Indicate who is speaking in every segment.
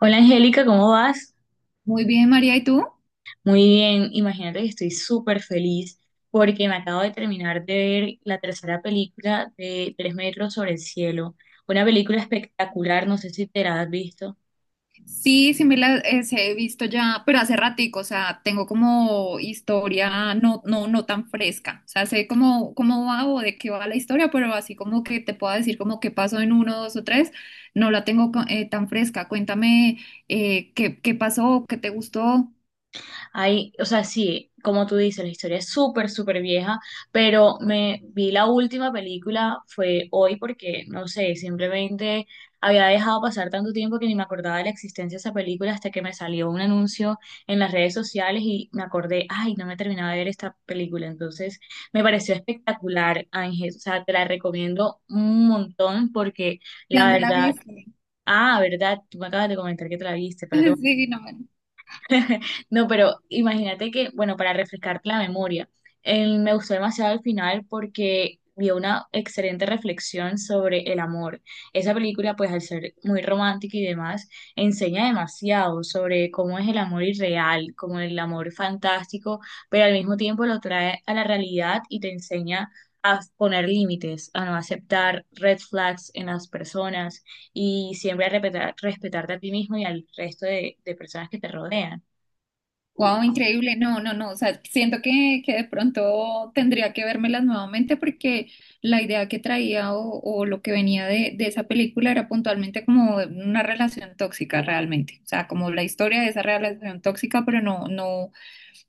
Speaker 1: Hola Angélica, ¿cómo vas?
Speaker 2: Muy bien, María, ¿y tú?
Speaker 1: Muy bien, imagínate que estoy súper feliz porque me acabo de terminar de ver la tercera película de Tres metros sobre el cielo. Una película espectacular, no sé si te la has visto.
Speaker 2: Sí, sí me las he visto ya, pero hace ratico, o sea, tengo como historia no tan fresca. O sea, sé cómo, cómo va o de qué va la historia, pero así como que te puedo decir como qué pasó en uno, dos o tres, no la tengo tan fresca. Cuéntame, qué, qué pasó, qué te gustó,
Speaker 1: Hay, o sea, sí, como tú dices, la historia es súper vieja, pero me vi la última película fue hoy porque, no sé, simplemente había dejado pasar tanto tiempo que ni me acordaba de la existencia de esa película hasta que me salió un anuncio en las redes sociales y me acordé, ay, no me terminaba de ver esta película. Entonces, me pareció espectacular, Ángel. O sea, te la recomiendo un montón porque
Speaker 2: de
Speaker 1: la
Speaker 2: dónde la
Speaker 1: verdad,
Speaker 2: viste.
Speaker 1: ah, verdad, tú me acabas de comentar que te la viste, perdón.
Speaker 2: Sí, no, bueno.
Speaker 1: No, pero imagínate que, bueno, para refrescarte la memoria, me gustó demasiado el final porque dio una excelente reflexión sobre el amor. Esa película, pues al ser muy romántica y demás, enseña demasiado sobre cómo es el amor irreal, como el amor fantástico, pero al mismo tiempo lo trae a la realidad y te enseña a poner límites, a no aceptar red flags en las personas y siempre a respetar, respetarte a ti mismo y al resto de personas que te rodean.
Speaker 2: Wow, increíble. No, no, no. O sea, siento que de pronto tendría que vérmelas nuevamente porque la idea que traía, o lo que venía de esa película era puntualmente como una relación tóxica realmente. O sea, como la historia de esa relación tóxica, pero no, no,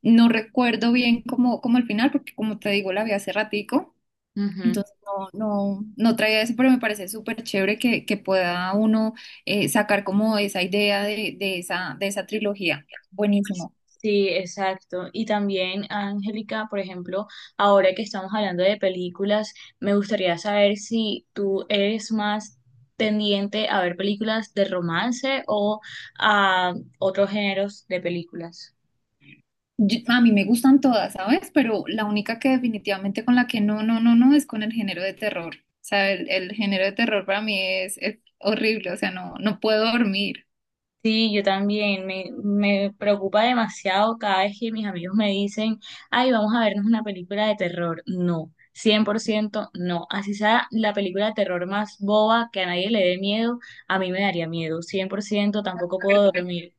Speaker 2: no recuerdo bien cómo, cómo el final, porque como te digo, la vi hace ratico.
Speaker 1: Ujú.
Speaker 2: Entonces no, no traía eso, pero me parece súper chévere que pueda uno sacar como esa idea de esa trilogía. Buenísimo.
Speaker 1: Sí, exacto. Y también, Angélica, por ejemplo, ahora que estamos hablando de películas, me gustaría saber si tú eres más tendiente a ver películas de romance o a otros géneros de películas.
Speaker 2: Yo- a mí me gustan todas, ¿sabes? Pero la única que definitivamente con la que no es con el género de terror. O sea, el género de terror para mí es horrible, o sea, no, no puedo dormir,
Speaker 1: Sí, yo también. Me preocupa demasiado cada vez que mis amigos me dicen, ay, vamos a vernos una película de terror. No, 100%, no. Así sea la película de terror más boba que a nadie le dé miedo, a mí me daría miedo. Cien por ciento. Tampoco puedo
Speaker 2: perdón.
Speaker 1: dormir.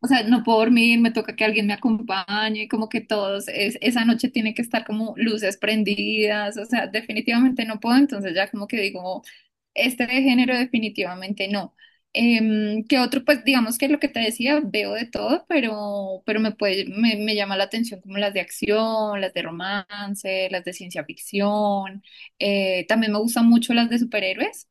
Speaker 2: O sea, no puedo dormir, me toca que alguien me acompañe, como que todos, es, esa noche tiene que estar como luces prendidas, o sea, definitivamente no puedo, entonces ya como que digo, este de género definitivamente no. ¿Qué otro? Pues digamos que lo que te decía, veo de todo, pero me puede, me llama la atención como las de acción, las de romance, las de ciencia ficción. También me gustan mucho las de superhéroes.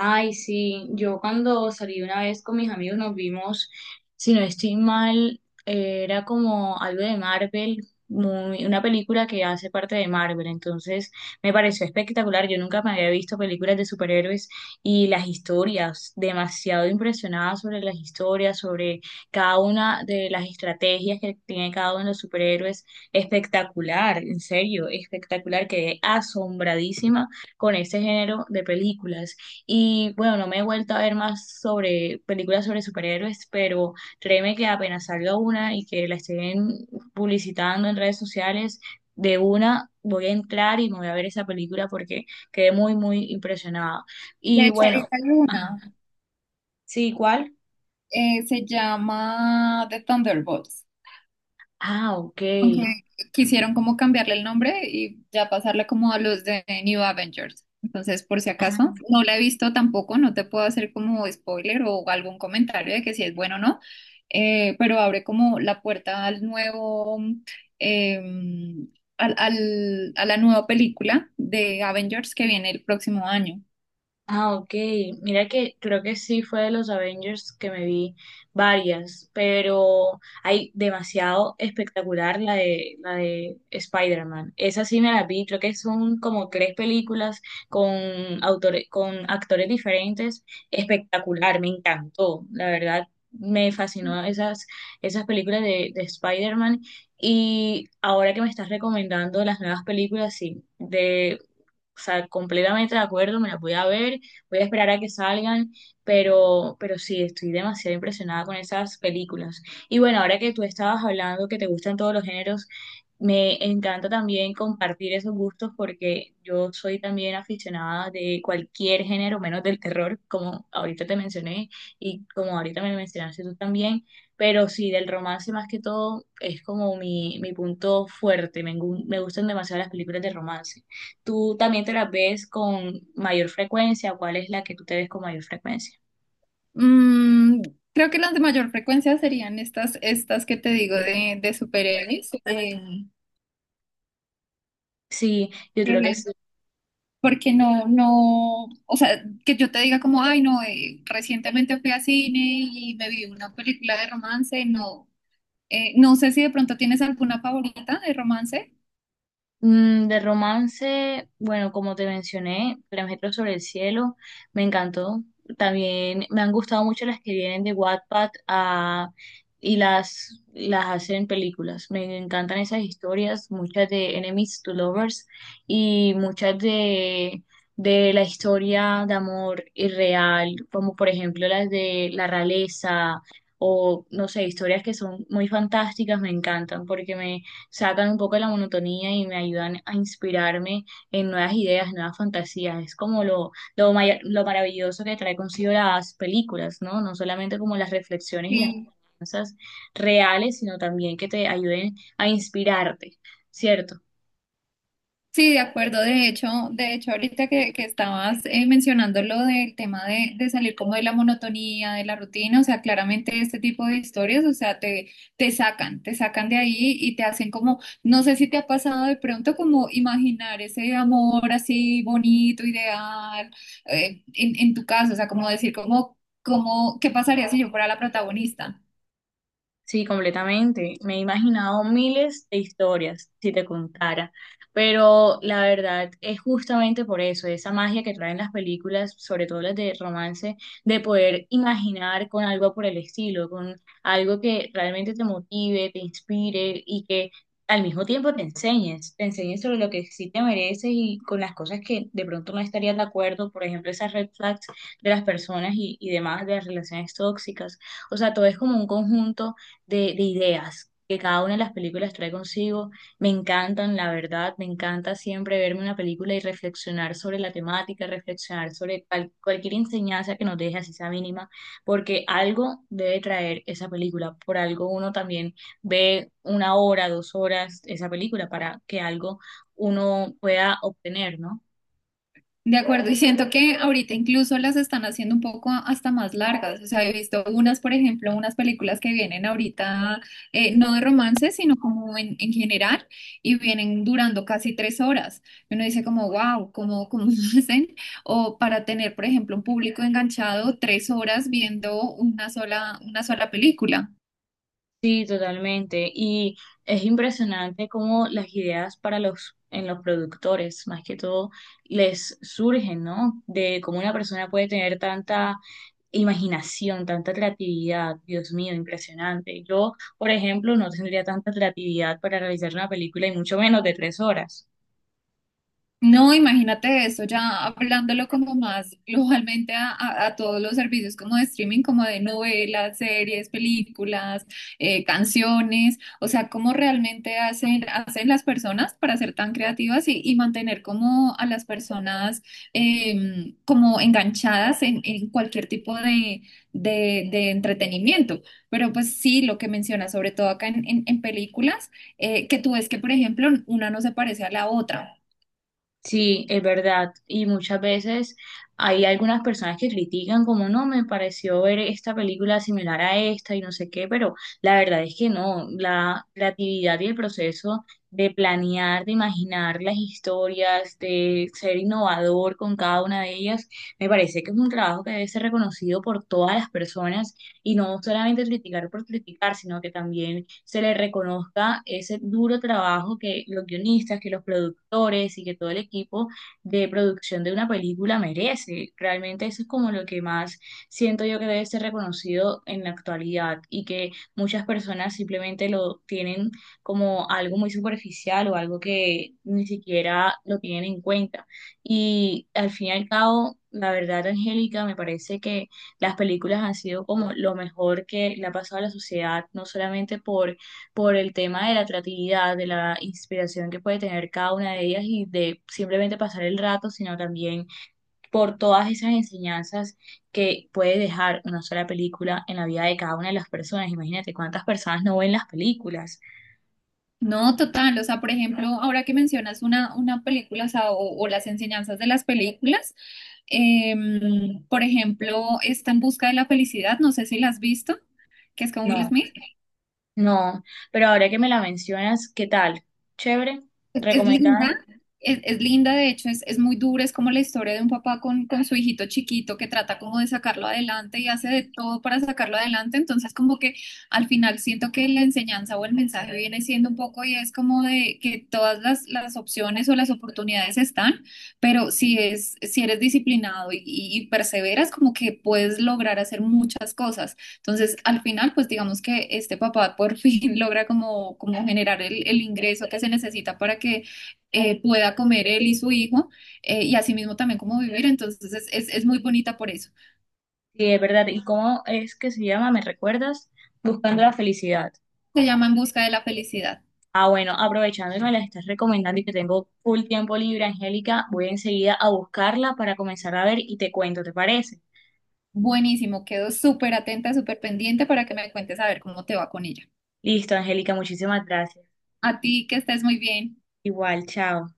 Speaker 1: Ay, sí, yo cuando salí una vez con mis amigos nos vimos, si no estoy mal, era como algo de Marvel, una película que hace parte de Marvel. Entonces me pareció espectacular, yo nunca me había visto películas de superhéroes y las historias, demasiado impresionada sobre las historias, sobre cada una de las estrategias que tiene cada uno de los superhéroes, espectacular, en serio, espectacular, quedé asombradísima con este género de películas. Y bueno, no me he vuelto a ver más sobre películas sobre superhéroes, pero créeme que apenas salga una y que la estén publicitando en redes sociales, de una voy a entrar y me voy a ver esa película porque quedé muy impresionada.
Speaker 2: De
Speaker 1: Y
Speaker 2: hecho,
Speaker 1: bueno,
Speaker 2: ahorita hay
Speaker 1: ajá.
Speaker 2: una,
Speaker 1: Sí, ¿cuál?
Speaker 2: se llama The Thunderbolts.
Speaker 1: Ah, ok.
Speaker 2: Aunque quisieron como cambiarle el nombre y ya pasarle como a los de New Avengers. Entonces, por si acaso,
Speaker 1: Ah.
Speaker 2: no la he visto tampoco, no te puedo hacer como spoiler o algún comentario de que si es bueno o no, pero abre como la puerta al nuevo, eh, al, a la nueva película de Avengers que viene el próximo año.
Speaker 1: Ah, ok. Mira que creo que sí fue de los Avengers que me vi varias, pero hay demasiado espectacular la de Spider-Man. Esa sí me la vi, creo que son como tres películas con autores, con actores diferentes. Espectacular, me encantó. La verdad, me fascinó esas películas de Spider-Man. Y ahora que me estás recomendando las nuevas películas, sí, de o sea, completamente de acuerdo, me las voy a ver, voy a esperar a que salgan, pero sí, estoy demasiado impresionada con esas películas. Y bueno, ahora que tú estabas hablando que te gustan todos los géneros, me encanta también compartir esos gustos porque yo soy también aficionada de cualquier género, menos del terror, como ahorita te mencioné y como ahorita me mencionaste tú también, pero sí, del romance más que todo es como mi punto fuerte, me gustan demasiado las películas de romance. Tú también te las ves con mayor frecuencia, ¿cuál es la que tú te ves con mayor frecuencia?
Speaker 2: Mm, creo que las de mayor frecuencia serían estas, estas que te digo de superhéroes.
Speaker 1: Sí, yo creo que
Speaker 2: eh,
Speaker 1: es.
Speaker 2: Porque no, no, o sea, que yo te diga como, ay, no, recientemente fui a cine y me vi una película de romance, no. No sé si de pronto tienes alguna favorita de romance.
Speaker 1: Mm, de romance, bueno, como te mencioné, Tres metros sobre el cielo, me encantó. También me han gustado mucho las que vienen de Wattpad ah, y las hacen películas. Me encantan esas historias, muchas de Enemies to Lovers y muchas de la historia de amor irreal, como por ejemplo las de la realeza o, no sé, historias que son muy fantásticas, me encantan porque me sacan un poco de la monotonía y me ayudan a inspirarme en nuevas ideas, nuevas fantasías. Es como lo maravilloso que trae consigo las películas, ¿no? No solamente como las reflexiones y las enseñanzas reales, sino también que te ayuden a inspirarte, ¿cierto?
Speaker 2: Sí, de acuerdo. De hecho, ahorita que estabas mencionando lo del tema de salir como de la monotonía, de la rutina, o sea, claramente este tipo de historias, o sea, te, te sacan de ahí y te hacen como, no sé si te ha pasado de pronto como imaginar ese amor así bonito, ideal, en tu caso, o sea, como decir como, como, ¿qué pasaría si yo fuera la protagonista?
Speaker 1: Sí, completamente. Me he imaginado miles de historias, si te contara. Pero la verdad es justamente por eso, esa magia que traen las películas, sobre todo las de romance, de poder imaginar con algo por el estilo, con algo que realmente te motive, te inspire y que al mismo tiempo te enseñes sobre lo que sí te mereces y con las cosas que de pronto no estarías de acuerdo, por ejemplo, esas red flags de las personas y demás, de las relaciones tóxicas. O sea, todo es como un conjunto de ideas que cada una de las películas trae consigo. Me encantan, la verdad, me encanta siempre verme una película y reflexionar sobre la temática, reflexionar sobre cualquier enseñanza que nos deje, así sea mínima, porque algo debe traer esa película. Por algo uno también ve una hora, dos horas esa película para que algo uno pueda obtener, ¿no?
Speaker 2: De acuerdo, y siento que ahorita incluso las están haciendo un poco hasta más largas. O sea, he visto unas, por ejemplo, unas películas que vienen ahorita, no de romance, sino como en general, y vienen durando casi tres horas. Y uno dice como, wow, ¿cómo, cómo lo hacen? O para tener, por ejemplo, un público enganchado tres horas viendo una sola película.
Speaker 1: Sí, totalmente. Y es impresionante cómo las ideas para los, en los productores, más que todo, les surgen, ¿no? De cómo una persona puede tener tanta imaginación, tanta creatividad. Dios mío, impresionante. Yo, por ejemplo, no tendría tanta creatividad para realizar una película y mucho menos de tres horas.
Speaker 2: No, imagínate eso, ya hablándolo como más globalmente a, a todos los servicios como de streaming, como de novelas, series, películas, canciones, o sea, cómo realmente hacen, hacen las personas para ser tan creativas y mantener como a las personas como enganchadas en cualquier tipo de, de entretenimiento. Pero pues sí, lo que mencionas, sobre todo acá en, en películas, que tú ves que, por ejemplo, una no se parece a la otra.
Speaker 1: Sí, es verdad. Y muchas veces hay algunas personas que critican como no, me pareció ver esta película similar a esta y no sé qué, pero la verdad es que no. La creatividad y el proceso de planear, de imaginar las historias, de ser innovador con cada una de ellas, me parece que es un trabajo que debe ser reconocido por todas las personas y no solamente criticar por criticar, sino que también se le reconozca ese duro trabajo que los guionistas, que los productores y que todo el equipo de producción de una película merece. Realmente eso es como lo que más siento yo que debe ser reconocido en la actualidad y que muchas personas simplemente lo tienen como algo muy superficial o algo que ni siquiera lo tienen en cuenta. Y al fin y al cabo, la verdad, Angélica, me parece que las películas han sido como lo mejor que le ha pasado a la sociedad, no solamente por el tema de la atractividad de la inspiración que puede tener cada una de ellas y de simplemente pasar el rato, sino también por todas esas enseñanzas que puede dejar una sola película en la vida de cada una de las personas. Imagínate cuántas personas no ven las películas.
Speaker 2: No, total. O sea, por ejemplo, ahora que mencionas una película, o, sea, o las enseñanzas de las películas, por ejemplo, está En Busca de la Felicidad, no sé si la has visto, que es con Will
Speaker 1: No,
Speaker 2: Smith.
Speaker 1: no, pero ahora que me la mencionas, ¿qué tal? Chévere,
Speaker 2: Es, es
Speaker 1: recomendada.
Speaker 2: linda, es linda, de hecho, es muy dura, es como la historia de un papá con su hijito chiquito que trata como de sacarlo adelante y hace de todo para sacarlo adelante, entonces como que al final siento que la enseñanza o el mensaje viene siendo un poco y es como de que todas las opciones o las oportunidades están, pero si es, si eres disciplinado y perseveras, como que puedes lograr hacer muchas cosas. Entonces, al final, pues digamos que este papá por fin logra como, como generar el ingreso que se necesita para que pueda comer él y su hijo y asimismo también como vivir. Entonces, es muy bonita por eso.
Speaker 1: Sí, es verdad. ¿Y cómo es que se llama? ¿Me recuerdas? Buscando la felicidad.
Speaker 2: Se llama En Busca de la Felicidad.
Speaker 1: Ah, bueno, aprovechando que me las estás recomendando y que tengo full tiempo libre, Angélica, voy enseguida a buscarla para comenzar a ver y te cuento, ¿te parece?
Speaker 2: Buenísimo, quedo súper atenta, súper pendiente para que me cuentes a ver cómo te va con ella.
Speaker 1: Listo, Angélica, muchísimas gracias.
Speaker 2: A ti, que estés muy bien.
Speaker 1: Igual, chao.